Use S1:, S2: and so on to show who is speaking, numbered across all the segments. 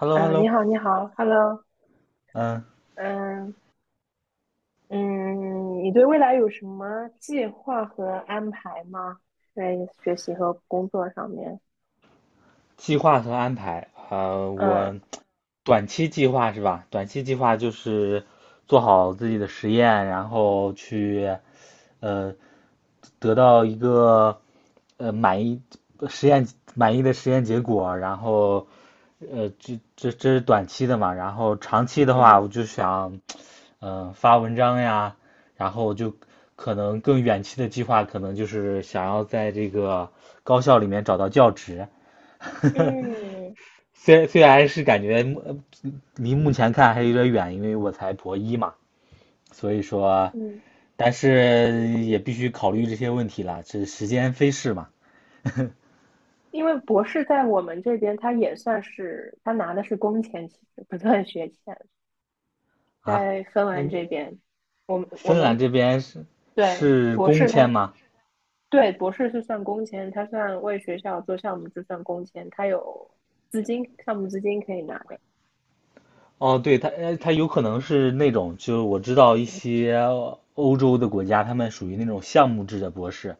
S1: Hello
S2: 嗯，你
S1: hello.
S2: 好，你好，Hello，
S1: 嗯，
S2: 嗯嗯。你对未来有什么计划和安排吗？在学习和工作上面。
S1: 计划和安排，
S2: 嗯
S1: 我短期计划是吧？短期计划就是做好自己的实验，然后去呃得到一个呃满意实验满意的实验结果，然后这是短期的嘛，然后长期的话，
S2: 嗯
S1: 我就想发文章呀，然后就可能更远期的计划，可能就是想要在这个高校里面找到教职。
S2: 嗯
S1: 虽然是感觉离目前看还有点远，因为我才博一嘛，所以说，
S2: 嗯，
S1: 但是也必须考虑这些问题了，这时间飞逝嘛。
S2: 因为博士在我们这边，他也算是他拿的是工钱，其实不算学钱。
S1: 啊，
S2: 在芬兰
S1: 嗯，
S2: 这边，我们我
S1: 芬兰
S2: 们
S1: 这边是
S2: 对
S1: 是
S2: 博
S1: 公
S2: 士
S1: 签
S2: 他
S1: 吗？
S2: 对博士是算工钱，他算为学校做项目就算工钱，他有项目资金可以拿的。
S1: 哦，对，它有可能是那种，就是我知道一些欧洲的国家，他们属于那种项目制的博士，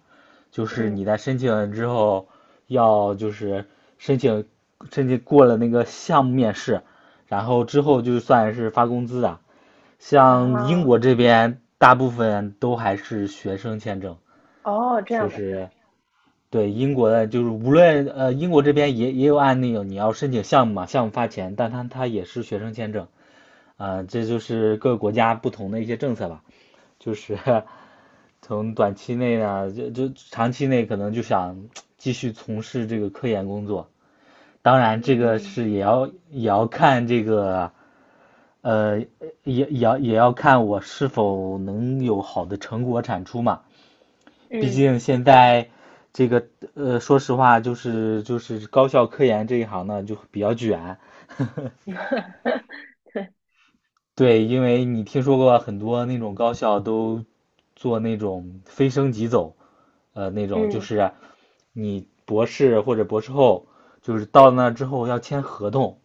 S1: 就是
S2: 嗯。
S1: 你在申请了之后，要就是申请申请过了那个项目面试，然后之后就算是发工资的。像英
S2: 啊，
S1: 国这边，大部分都还是学生签证，
S2: 哦，这
S1: 就
S2: 样的事儿。
S1: 是对英国的，就是无论英国这边也有案例有，你要申请项目嘛，项目发钱，但它也是学生签证，啊、这就是各个国家不同的一些政策吧，就是从短期内呢，就长期内可能就想继续从事这个科研工作，当然这个
S2: 嗯
S1: 是也要看这个，呃，也也要看我是否能有好的成果产出嘛。毕
S2: 嗯，
S1: 竟现在这个说实话，就是高校科研这一行呢，就比较卷。
S2: 对。
S1: 对，因为你听说过很多那种高校都做那种非升即走，那种就
S2: 嗯，
S1: 是你博士或者博士后，就是到那之后要签合同，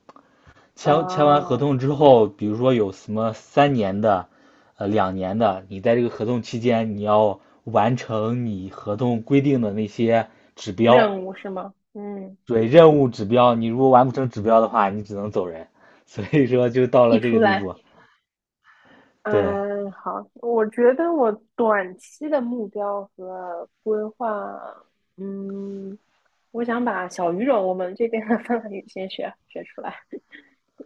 S1: 签完合
S2: 哦，
S1: 同之后，比如说有什么三年的，两年的，你在这个合同期间你要完成你合同规定的那些指标。
S2: 任务是吗？嗯。
S1: 对任务指标，你如果完不成指标的话，你只能走人。所以说就到了
S2: 提
S1: 这
S2: 出
S1: 个地
S2: 来。
S1: 步。对，
S2: 嗯，好，我觉得我短期的目标和规划。嗯，我想把小语种我们这边的芬兰语先学学出来。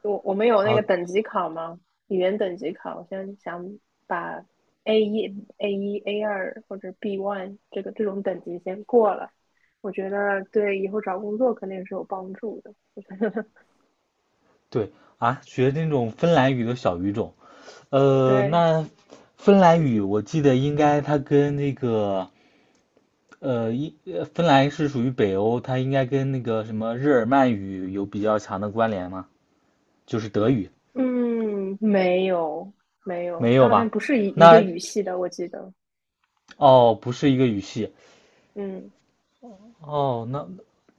S2: 我们有那个
S1: 哦，
S2: 等级考吗？语言等级考，我现在想把 A 一、A2或者 B1 这个这种等级先过了，我觉得对以后找工作肯定是有帮助的。我觉得
S1: 对啊，学那种芬兰语的小语种。
S2: 对。
S1: 那芬兰语我记得应该它跟那个芬兰是属于北欧，它应该跟那个什么日耳曼语有比较强的关联吗？就是德语，
S2: 嗯，没有没有，
S1: 没
S2: 它
S1: 有
S2: 好像
S1: 吧？
S2: 不是一个
S1: 那
S2: 语系的，我记得。
S1: 哦，不是一个语系。
S2: 嗯。
S1: 哦，那，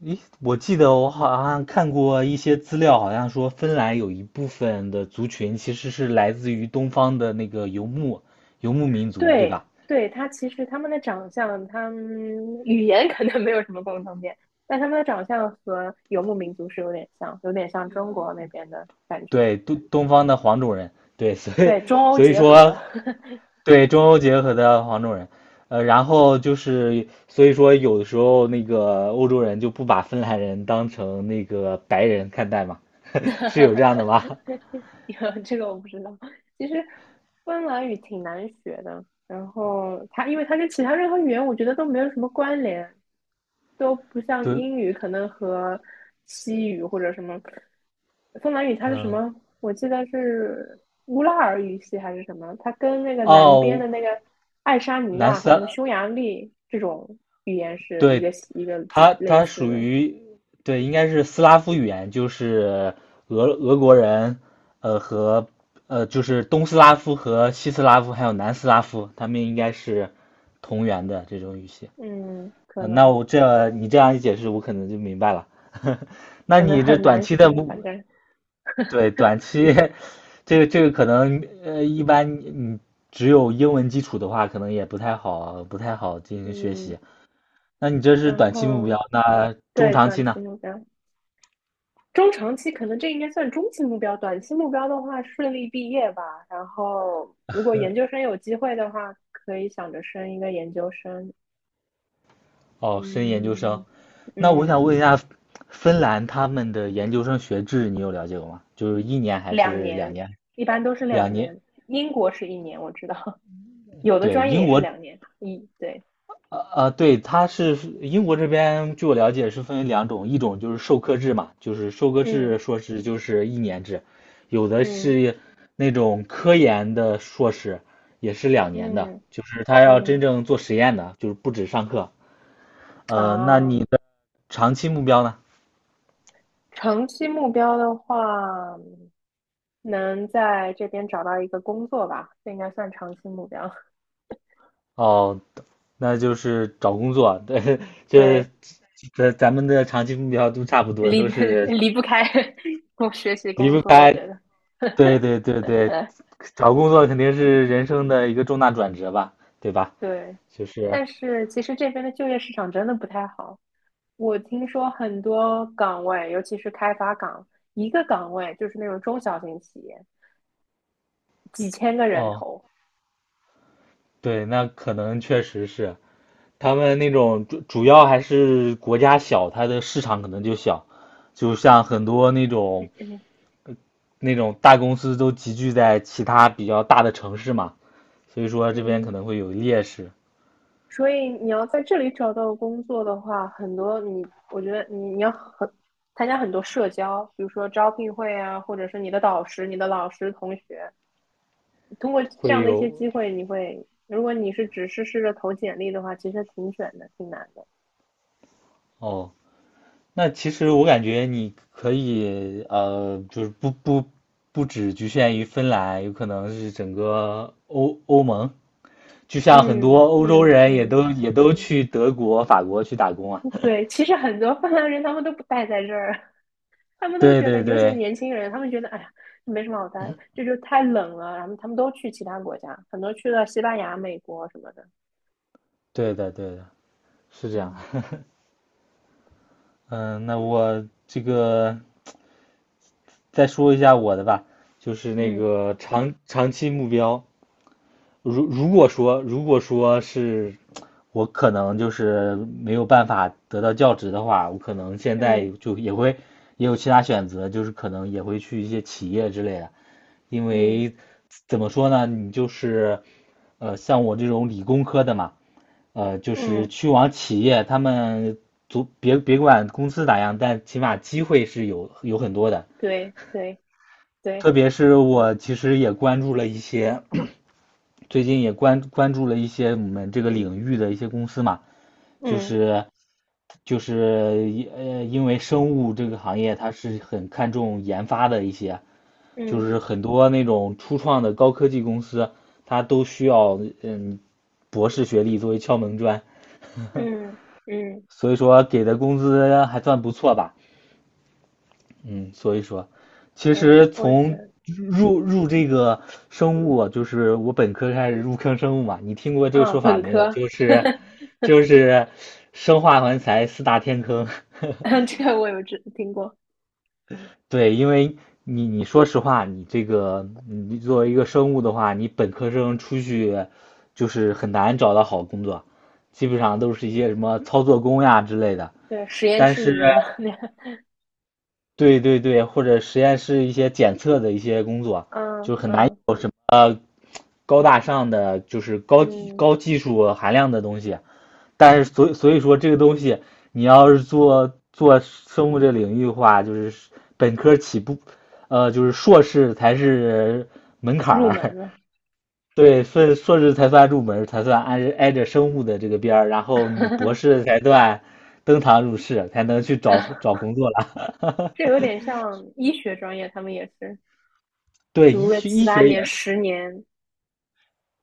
S1: 咦，我记得我好像看过一些资料，好像说芬兰有一部分的族群其实是来自于东方的那个游牧民族，对
S2: 对
S1: 吧？
S2: 对，其实他们的长相，他们语言可能没有什么共同点，但他们的长相和游牧民族是有点像，有点像中国那边的感觉。
S1: 对，东方的黄种人，对，所以
S2: 对，中欧
S1: 所以
S2: 结合。
S1: 说对中欧结合的黄种人，然后就是所以说有的时候那个欧洲人就不把芬兰人当成那个白人看待嘛，是有这样的吗？
S2: 有这个我不知道。其实芬兰语挺难学的，然后因为它跟其他任何语言我觉得都没有什么关联，都不像
S1: 对，
S2: 英语，可能和西语或者什么芬兰语，它是什
S1: 嗯，
S2: 么？我记得是乌拉尔语系还是什么？它跟那个南边的
S1: 哦，
S2: 那个爱沙尼
S1: 南
S2: 亚
S1: 斯
S2: 和什么
S1: 拉，
S2: 匈牙利这种语言是一
S1: 对
S2: 个系一个几
S1: 它
S2: 类
S1: 它
S2: 似
S1: 属
S2: 的。
S1: 于对，应该是斯拉夫语言，就是俄国人，呃和呃就是东斯拉夫和西斯拉夫还有南斯拉夫，他们应该是同源的这种语系。
S2: 嗯，可
S1: 那
S2: 能
S1: 我这你这样一解释，我可能就明白了。那
S2: 可能
S1: 你这
S2: 很
S1: 短
S2: 难
S1: 期的
S2: 学，
S1: 目，
S2: 反正。
S1: 对，短期 这个这个可能一般你只有英文基础的话，可能也不太好，不太好进行学
S2: 嗯，
S1: 习。那你这是
S2: 然
S1: 短期目标，
S2: 后
S1: 那中
S2: 对
S1: 长
S2: 短
S1: 期
S2: 期
S1: 呢？
S2: 目标，中长期可能这应该算中期目标，短期目标的话，顺利毕业吧。然后，如果研究生有机会的话，可以想着升一个研究生。
S1: 哦，申研究生。
S2: 嗯
S1: 那我想
S2: 嗯，
S1: 问一下，芬兰他们的研究生学制你有了解过吗？就是一年还
S2: 两
S1: 是两
S2: 年，
S1: 年？
S2: 一般都是两
S1: 两年。
S2: 年。英国是1年，我知道。有的
S1: 对，
S2: 专业
S1: 英
S2: 也是
S1: 国，
S2: 2年。对。
S1: 对，它是英国这边，据我了解是分为两种，一种就是授课制嘛，就是授课
S2: 嗯
S1: 制硕士就是一年制，有的
S2: 嗯
S1: 是那种科研的硕士也是两年的，
S2: 嗯
S1: 就是他要真
S2: 嗯
S1: 正做实验的，就是不止上课。那你
S2: 啊，
S1: 的长期目标呢？
S2: 长期目标的话，能在这边找到一个工作吧，这应该算长期目标。
S1: 哦，那就是找工作，对，这
S2: 对。
S1: 这咱们的长期目标都差不多，
S2: 离
S1: 都
S2: 不
S1: 是
S2: 离不开 我学习
S1: 离
S2: 工
S1: 不
S2: 作，我
S1: 开，
S2: 觉得
S1: 对 对对对，找工作肯定是人生的一个重大转折吧，对吧？
S2: 对。
S1: 就是，
S2: 但是其实这边的就业市场真的不太好，我听说很多岗位，尤其是开发岗，一个岗位就是那种中小型企业，几千个人
S1: 哦，
S2: 头。
S1: 对，那可能确实是他们那种主要还是国家小，它的市场可能就小，就像很多那种
S2: 嗯
S1: 那种大公司都集聚在其他比较大的城市嘛，所以说这边可
S2: 嗯，
S1: 能会有劣势，
S2: 所以你要在这里找到工作的话，很多你，我觉得你要参加很多社交，比如说招聘会啊，或者是你的导师、你的老师、同学。通过这
S1: 会
S2: 样的一些
S1: 有。
S2: 机会，你会，如果只是试着投简历的话，其实挺卷的，挺难的。
S1: 哦，那其实我感觉你可以就是不只局限于芬兰，有可能是整个欧盟，就像很多
S2: 嗯
S1: 欧洲
S2: 嗯
S1: 人也
S2: 嗯，
S1: 都也都去德国、法国去打工啊。
S2: 对，其实很多芬兰人他们都不待在这儿。他们都
S1: 对
S2: 觉得，
S1: 对
S2: 尤其是
S1: 对，
S2: 年轻人，他们觉得，哎呀，没什么好待，这就太冷了，然后他们都去其他国家，很多去了西班牙、美国什么的。
S1: 对的对的，是这样。
S2: 嗯
S1: 嗯，那我这个再说一下我的吧，就是那
S2: 嗯
S1: 个长期目标，如果说是我可能就是没有办法得到教职的话，我可能现在
S2: 嗯
S1: 就也会也有其他选择，就是可能也会去一些企业之类的，因
S2: 嗯
S1: 为怎么说呢，你就是像我这种理工科的嘛，就是
S2: 嗯，
S1: 去往企业，他们足别管公司咋样，但起码机会是有很多的，
S2: 对对对。
S1: 特别是我其实也关注了一些。最近也关注了一些我们这个领域的一些公司嘛，就
S2: 嗯
S1: 是就是一呃，因为生物这个行业它是很看重研发的一些，就
S2: 嗯
S1: 是很多那种初创的高科技公司，它都需要嗯博士学历作为敲门砖，
S2: 嗯嗯，
S1: 所以说给的工资还算不错吧。嗯，所以说，其
S2: 对，
S1: 实
S2: 我觉
S1: 从
S2: 得，
S1: 入这个生物啊就是我本科开始入坑生物嘛，你听过这个
S2: 啊，
S1: 说法
S2: 本
S1: 没有？
S2: 科。
S1: 就是 就是生化环材四大天坑。
S2: 这个我有知听过。
S1: 对，因为你你说实话，你这个你作为一个生物的话，你本科生出去就是很难找到好工作，基本上都是一些什么操作工呀之类的。
S2: 对，实验
S1: 但
S2: 室
S1: 是
S2: 里面的那个。
S1: 对对对，或者实验室一些检测的一些工作，
S2: 嗯
S1: 就很难
S2: 嗯
S1: 有什么高大上的，就是
S2: 嗯，
S1: 高技术含量的东西。但是所以说这个东西，你要是做生物这领域的话，就是本科起步，就是硕士才是门槛
S2: 入门
S1: 儿，
S2: 了。
S1: 对，硕士才算入门，才算挨着生物的这个边儿，然后你博士 才算登堂入室，才能去找找
S2: 嗯
S1: 工作了。
S2: 这有点像医学专业，他们也是
S1: 对，医
S2: 读个
S1: 学
S2: 七
S1: 医
S2: 八
S1: 学也
S2: 年、10年。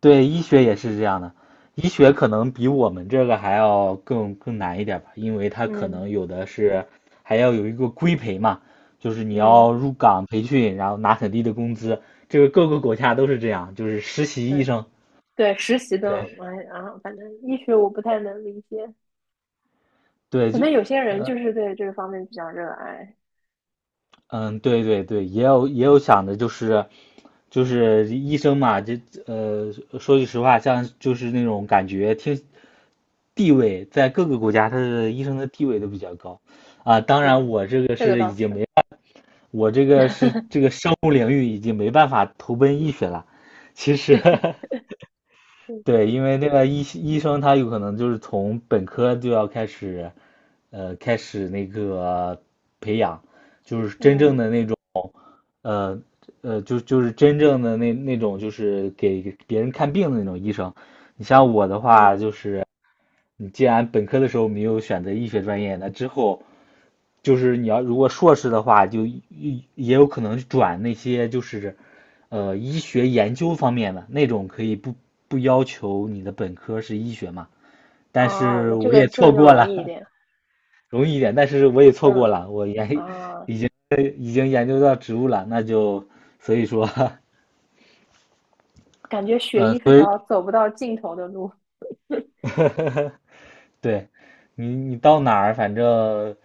S1: 对，医学也是这样的，医学可能比我们这个还要更难一点吧，因为它可
S2: 嗯
S1: 能有的是还要有一个规培嘛，就是你
S2: 嗯，
S1: 要入岗培训，然后拿很低的工资，这个各个国家都是这样，就是实习医
S2: 对
S1: 生。
S2: 对，实习的。
S1: 对
S2: 哎啊，反正医学我不太能理解，
S1: 对，
S2: 可
S1: 就
S2: 能有些人就是对这个方面比较热爱。
S1: 嗯，对对对，也有也有想的，就是就是医生嘛，这呃，说句实话，像就是那种感觉听地位，在各个国家，他的医生的地位都比较高啊。当然，
S2: 对，
S1: 我这个
S2: 这个
S1: 是已
S2: 倒
S1: 经
S2: 是。
S1: 没，我这个是这 个生物领域已经没办法投奔医学了。其实，
S2: 嗯
S1: 对，因为那个医生他有可能就是从本科就要开始，开始那个培养，就是真正
S2: 嗯
S1: 的那种。呃就是真正的那那种，就是给别人看病的那种医生。你像我的话，
S2: 嗯，
S1: 就是你既然本科的时候没有选择医学专业，那之后就是你要如果硕士的话，就也也有可能转那些就是医学研究方面的那种，可以不要求你的本科是医学嘛。但
S2: 哦，
S1: 是
S2: 那这
S1: 我
S2: 个
S1: 也
S2: 这个
S1: 错
S2: 就
S1: 过
S2: 容易一
S1: 了，
S2: 点。
S1: 容易一点，但是我也错过
S2: 嗯
S1: 了，我研
S2: 啊。哦，
S1: 已经已经研究到植物了，那就所以说
S2: 感觉学
S1: 嗯，
S2: 医是
S1: 所以
S2: 条走不到尽头的路。
S1: 对你，你到哪儿，反正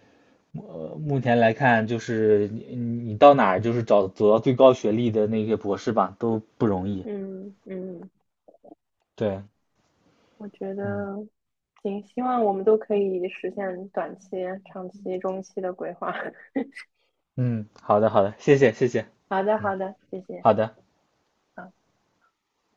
S1: 目前来看，就是你你到哪儿，就是找走到最高学历的那些博士吧，都不容易。
S2: 嗯嗯，
S1: 对，
S2: 我觉
S1: 嗯
S2: 得行，希望我们都可以实现短期、长期、中期的规划。
S1: 嗯，好的好的，谢谢谢谢，
S2: 好的，
S1: 嗯，
S2: 好的，谢谢。
S1: 好的。
S2: 好。